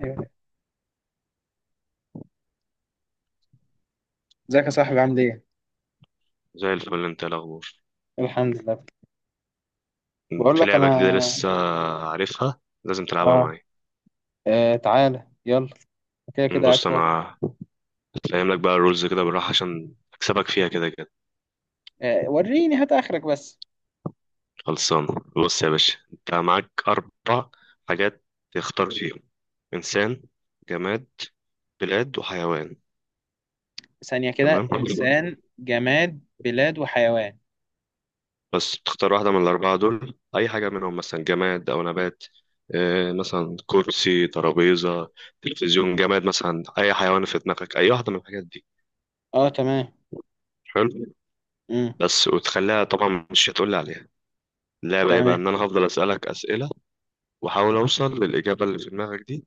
ايوه. ازيك يا صاحبي، عامل ايه؟ زي الفل. انت ايه الاخبار؟ الحمد لله. بقول في لك لعبه انا. جديده لسه عارفها، لازم تلعبها اه, معايا. آه تعالى يلا. كده كده قاعد بص فاضي. انا فاهم لك بقى الرولز كده بالراحه عشان اكسبك فيها كده كده. آه وريني هات اخرك بس. خلصان. بص يا باشا، انت معاك اربع حاجات تختار فيهم: انسان، جماد، بلاد وحيوان. ثانية كده، تمام. انسان جماد بلاد وحيوان. بس تختار واحده من الاربعه دول، اي حاجه منهم مثلا جماد او نبات. مثلا كرسي، ترابيزه، تلفزيون، جماد مثلا، اي حيوان في دماغك، اي واحده من الحاجات دي. اه تمام. حلو. امم بس وتخليها طبعا مش هتقولي عليها. اللعبة ايه بقى؟ تمام. ان انا هفضل اسألك اسئلة واحاول اوصل للاجابة اللي في دماغك دي،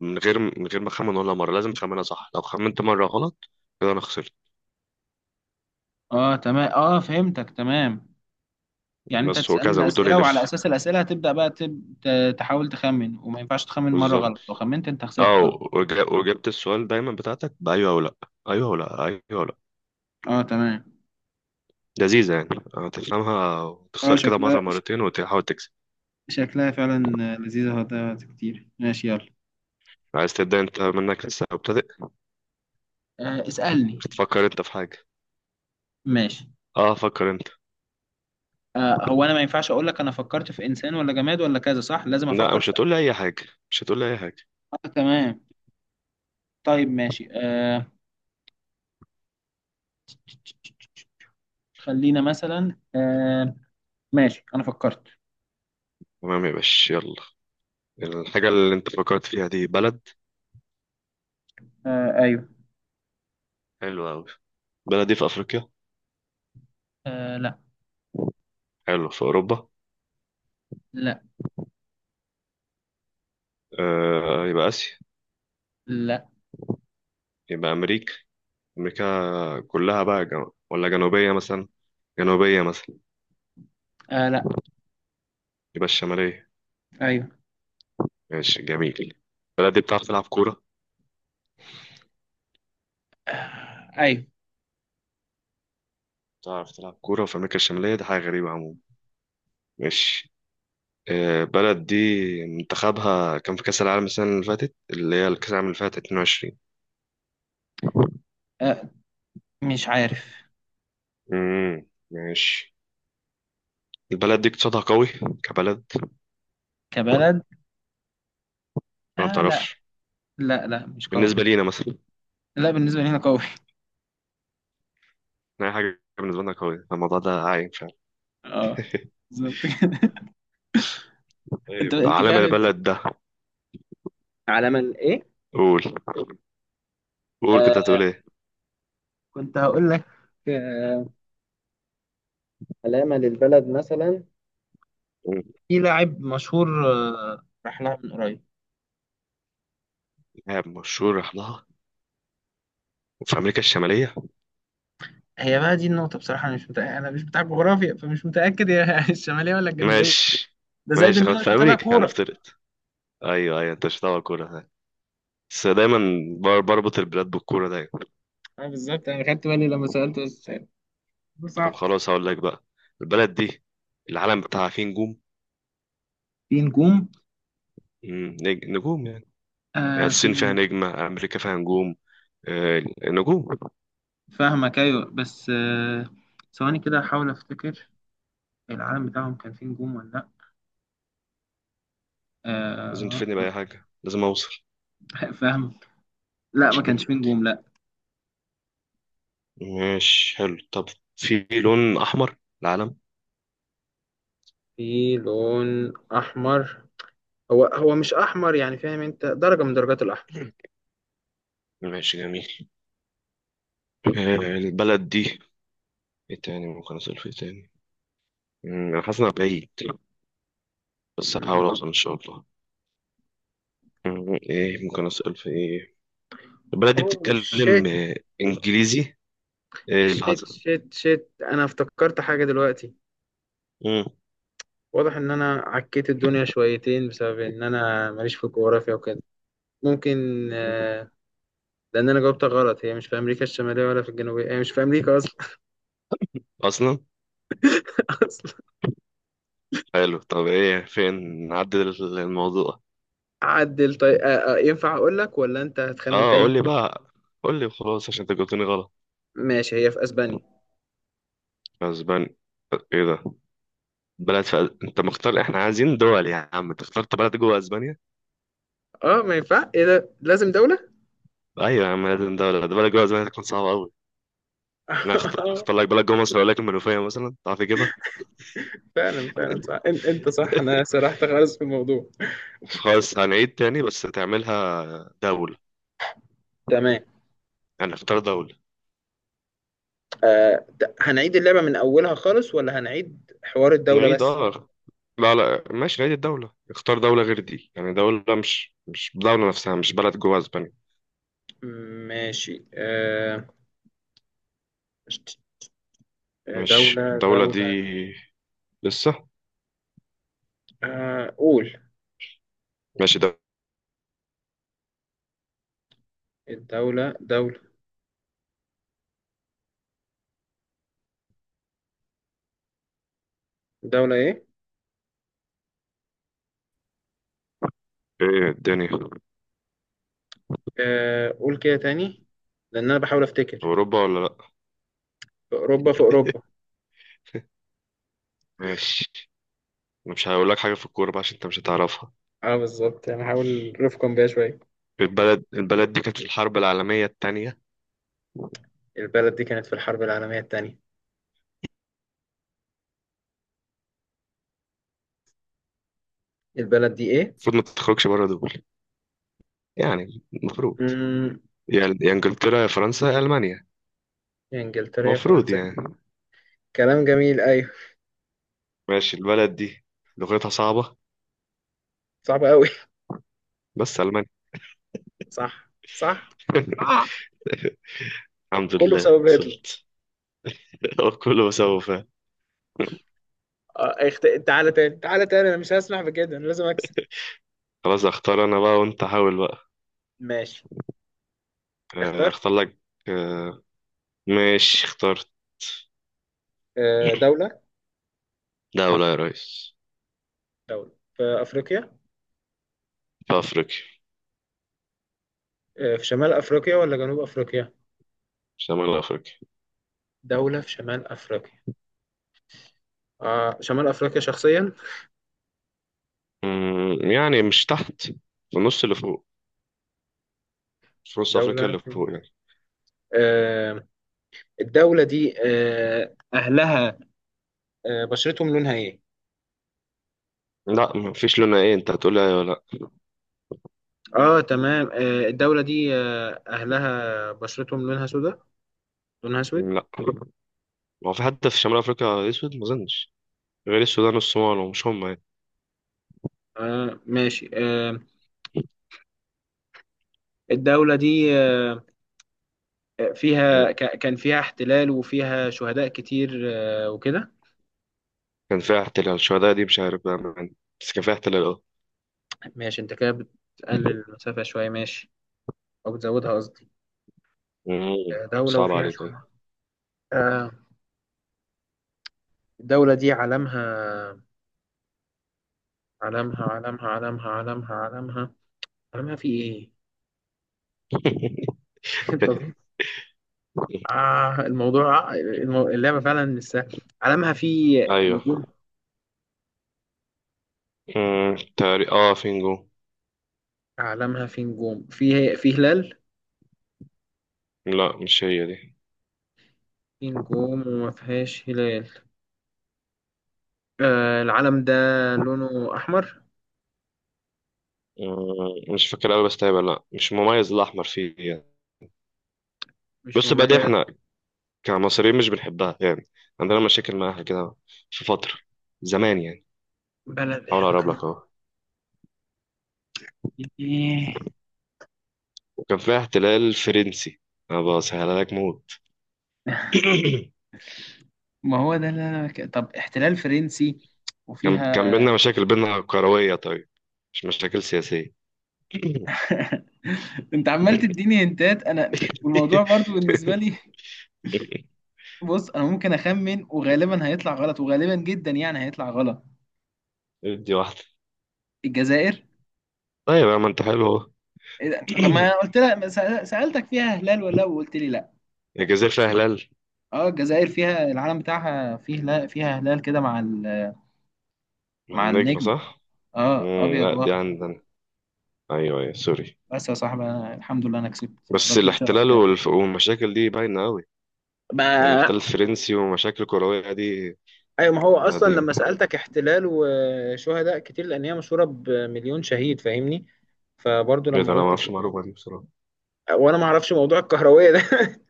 من غير ما اخمن ولا مرة. لازم تخمنها صح، لو خمنت مرة غلط كده انا خسرت. اه تمام. اه فهمتك تمام. يعني انت بس هتسألني وكذا، والدور الأسئلة، وعلى يلف. اساس الأسئلة هتبدأ بقى تحاول تخمن، وما ينفعش تخمن مرة بالظبط. غلط، لو خمنت انت خسرت اه. خلاص. وجبت السؤال دايما بتاعتك بأيوه او لا. ايوه او لا، ايوه او لا. اه تمام. لذيذة يعني، هتفهمها اه وتخسر كده مرة مرتين وتحاول تكسب. شكلها فعلا لذيذة، هتضيع وقت كتير. ماشي يلا. عايز تبدأ انت؟ منك، لسه مبتدئ. آه اسألني. تفكر انت في حاجة. ماشي. اه فكر انت. آه هو انا ما ينفعش اقول لك انا فكرت في انسان ولا جماد ولا كذا، صح؟ لازم لا، افكر مش في. هتقول لي اي حاجة. مش هتقول لي اي حاجة. آه تمام. طيب ماشي. خلينا مثلا. ماشي انا فكرت. تمام يا باشا، يلا. الحاجة اللي انت فكرت فيها دي بلد. آه ايوه. حلوة أوي. البلد دي في أفريقيا؟ آه لا. حلو، في أوروبا؟ لا. آه يبقى آسيا. لا. يبقى أمريكا. أمريكا كلها بقى، ولا جنوبية مثلا؟ جنوبية مثلا؟ آه لا. يبقى الشمالية. ايوه. ماشي، جميل. البلد دي بتعرف تلعب كورة؟ ايوه. بتعرف تلعب كورة في أمريكا الشمالية، دي حاجة غريبة عموما. ماشي. البلد دي منتخبها كان في كأس العالم السنة اللي فاتت، اللي هي الكأس العالم اللي فاتت، 22. آه مش عارف. ماشي. البلد دي اقتصادها قوي كبلد، ولا كبلد. ما آه لا. بتعرفش؟ لا لا مش قوي. بالنسبة لينا مثلا. لا، بالنسبة لي هنا قوي. أي حاجة بالنسبة لنا قوية، الموضوع ده عايم فعلا. اه بالظبط كده. انت طيب، انت علم فعلا. البلد ده؟ علامة ايه؟ قول، قول، كنت آه هتقول إيه؟ كنت هقول لك. آه، علامة للبلد مثلا، في لاعب مشهور راح لها من قريب. إرهاب مشهور راح لها في أمريكا الشمالية. هي بقى دي النقطة، بصراحة أنا مش متأكد، أنا مش بتاع جغرافيا، فمش متأكد هي الشمالية ولا الجنوبية. ماشي. ده زائد ماشي إن أنا خلاص، مش في متابع أمريكا كورة. هنفترض. أيوه أيوه، أنت مش هتعرف الكورة ده. بس دايما بربط البلاد بالكورة دايما. أه بالظبط، أنا خدت بالي لما سألت بس. ده طب صعب. خلاص هقول لك بقى، البلد دي العلم بتاعها فيه نجوم. في نجوم. نجوم يعني. يعني آه في الصين فيها نجوم. نجمة، أمريكا فيها نجوم. آه، نجوم. فاهمك أيوه بس. ثواني كده أحاول أفتكر، العالم بتاعهم كان فيه نجوم ولا لأ. لازم آه. تفيدني بأي حاجة، لازم أوصل. فاهم. لا ما كانش فيه نجوم، لا. ماشي حلو. طب في لون أحمر العلم؟ في لون أحمر. هو مش أحمر، يعني فاهم، أنت درجة من درجات ماشي جميل. آه، البلد دي ايه تاني ممكن أسأل في إيه تاني؟ أنا حاسس إنها بعيد بس هحاول الأحمر. أوصل إن شاء الله. ايه ممكن أسأل في ايه؟ البلد دي اوه بتتكلم شيت إنجليزي؟ ايه اللي شيت حصل؟ شيت شيت، انا افتكرت حاجه دلوقتي. مم. واضح ان انا عكيت الدنيا شويتين، بسبب ان انا ماليش في الجغرافيا وكده. ممكن مم. آه، لان انا جاوبتها غلط، هي مش في امريكا الشماليه ولا في الجنوبيه، هي مش في امريكا اصلا. أصلا. اصلا. حلو، طب ايه، فين؟ نعدل الموضوع. عدل طيب. ينفع اقول لك ولا انت هتخمن اه قول تاني؟ لي بقى، قول لي وخلاص عشان انت جاوبتني غلط. ماشي، هي في اسبانيا. اسبانيا؟ ايه ده؟ انت مختار، احنا عايزين دول يا عم، انت اخترت بلد جوه اسبانيا. اه ما ينفع، ايه ده، لازم دوله. ايوه يا عم لازم ده، ولا ده بلد جوه زمان تكون صعبه قوي. انا اختار لك بلد جوه مصر، اقول لك المنوفيه مثلا، تعرف تجيبها؟ فعلا فعلا صح، انت صح، انا سرحت خالص في الموضوع. خلاص هنعيد تاني، بس تعملها دوله، تمام. يعني اختار دوله. هنعيد اللعبة من أولها خالص، ولا هنعيد حوار الدولة نعيد بس؟ اه. لا لا ماشي، نعيد الدوله، اختار دوله غير دي، يعني دوله، مش دوله نفسها، مش بلد جوه اسبانيا. ماشي. ماشي، دولة الدوله دي دولة لسه. قول. ماشي ده. الدولة دولة دولة إيه؟ ايه الدنيا؟ قول كده تاني، لأن أنا بحاول أفتكر. اوروبا ولا لا؟ في أوروبا، في أوروبا. ماشي. انا مش هقول لك حاجه في الكوره بقى عشان انت مش هتعرفها. أه بالظبط، أنا هحاول رفقا بيها شوية. البلد دي كانت في الحرب العالميه التانية. البلد دي كانت في الحرب العالمية التانية. البلد دي إيه؟ المفروض ما تخرجش بره، يعني المفروض مم، يا انجلترا يا فرنسا يا المانيا، يا إنجلترا يا المفروض فرنسا. يعني. كلام جميل أيوه. ماشي. البلد دي لغتها صعبة. صعب أوي. بس المانيا. صح صح. آه. الحمد كله لله بسبب هتلر. وصلت. كله بسببه فعلا. تعالى تاني، تعالى تاني، انا مش هسمح بكده، انا لازم اكسب. خلاص اختار انا بقى، وانت حاول بقى. ماشي آه، اختار. اختار لك. آه، ماشي اخترت. دولة. دولة يا ريس. دولة في افريقيا. في افريقيا. في شمال افريقيا ولا جنوب افريقيا؟ شمال افريقيا. دولة في شمال افريقيا. آه شمال افريقيا شخصيا. أمم، يعني مش تحت، في النص اللي فوق، في نص افريقيا دولة اللي في... فوق يعني. آه الدولة دي اهلها، بشرتهم لونها ايه؟ لا مفيش لون، ايه انت هتقول لي ايه ولا؟ اه تمام. الدولة دي اهلها بشرتهم لونها سوداء، لونها اسود. لا لا. هو في حد في شمال افريقيا اسود؟ ما اظنش، غير السودان والصومال، ومش هم يعني. آه ماشي. الدولة دي فيها كان فيها احتلال، وفيها شهداء كتير وكده. كان فيها احتلال. الشهداء دي مش عارف بقى بس كان فيها احتلال اه. ماشي، انت كده بتقلل المسافة شوية، ماشي. او بتزودها قصدي. مم. دولة صعب وفيها عليك أيوة. شهداء. آه، الدولة دي علمها علمها علمها علمها علمها علمها في ايه؟ طب- اللعبة فعلا لسه علمها في أيوه. نجوم مم. تاري اه فينجو. في هلال. لا مش هي دي. في نجوم وما فيهاش هلال. العلم ده لونه أحمر. مم. مش فاكر أوي بس تقريبا لا مش مميز الأحمر فيه يعني. مش بص بقى، دي مميز. احنا كمصريين مش بنحبها يعني، عندنا مشاكل معاها كده، في فترة زمان يعني. بلد حاول احنا أقرب لك كنا. أهو. ايه. وكان فيها احتلال فرنسي. أنا بسهلها لك موت. ما هو ده اللي انا طب احتلال فرنسي، كان وفيها. كان بينا مشاكل، بينا كروية طيب، مش مشاكل سياسية. انت عمال تديني هنتات انا، والموضوع برضو بالنسبه لي. بص انا ممكن اخمن، وغالبا هيطلع غلط، وغالبا جدا يعني هيطلع غلط. ادي واحدة. الجزائر. طيب يا ما انت حلو اهو. إيه ده؟ طب ما انا قلت لك سالتك فيها هلال ولا لا، وقلت لي لا. الجزائر فيها هلال اه الجزائر فيها، العلم بتاعها فيه هلال، فيها هلال كده مع ال... مع مع النجمة النجمه. صح؟ اه مم ابيض لا، دي واخضر. عندنا. ايوه ايوه سوري. بس يا صاحبي، أنا الحمد لله انا كسبت بس رديت شرفي الاحتلال تاني. والمشاكل دي باينة قوي، يعني ما. احتلال فرنسي ومشاكل كروية دي. ايوه ما هو احنا اصلا قديم. لما سألتك احتلال وشهداء كتير، لان هي مشهورة بمليون شهيد، فاهمني. فبرضه ايه ده، لما انا ما قلت اعرفش كده. المعلومة دي بصراحة. وانا ما اعرفش موضوع الكهروية ده.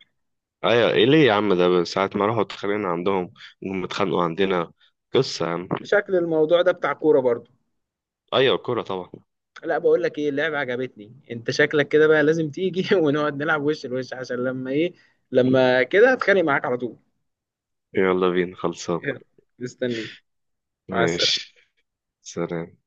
ايوه، ايه ليه يا عم؟ ده ساعة ما راحوا اتخانقنا عندهم، وهم اتخانقوا عندنا، قصة يا عم. شكل الموضوع ده بتاع كورة برضه. ايوه الكورة طبعا. لا بقول لك ايه، اللعبة عجبتني، انت شكلك كده بقى لازم تيجي ونقعد نلعب وش لوش، عشان لما ايه، لما كده اتخانق معاك على طول. يلا بينا، خلصان. مستني. مع السلامة. ماشي. سلام.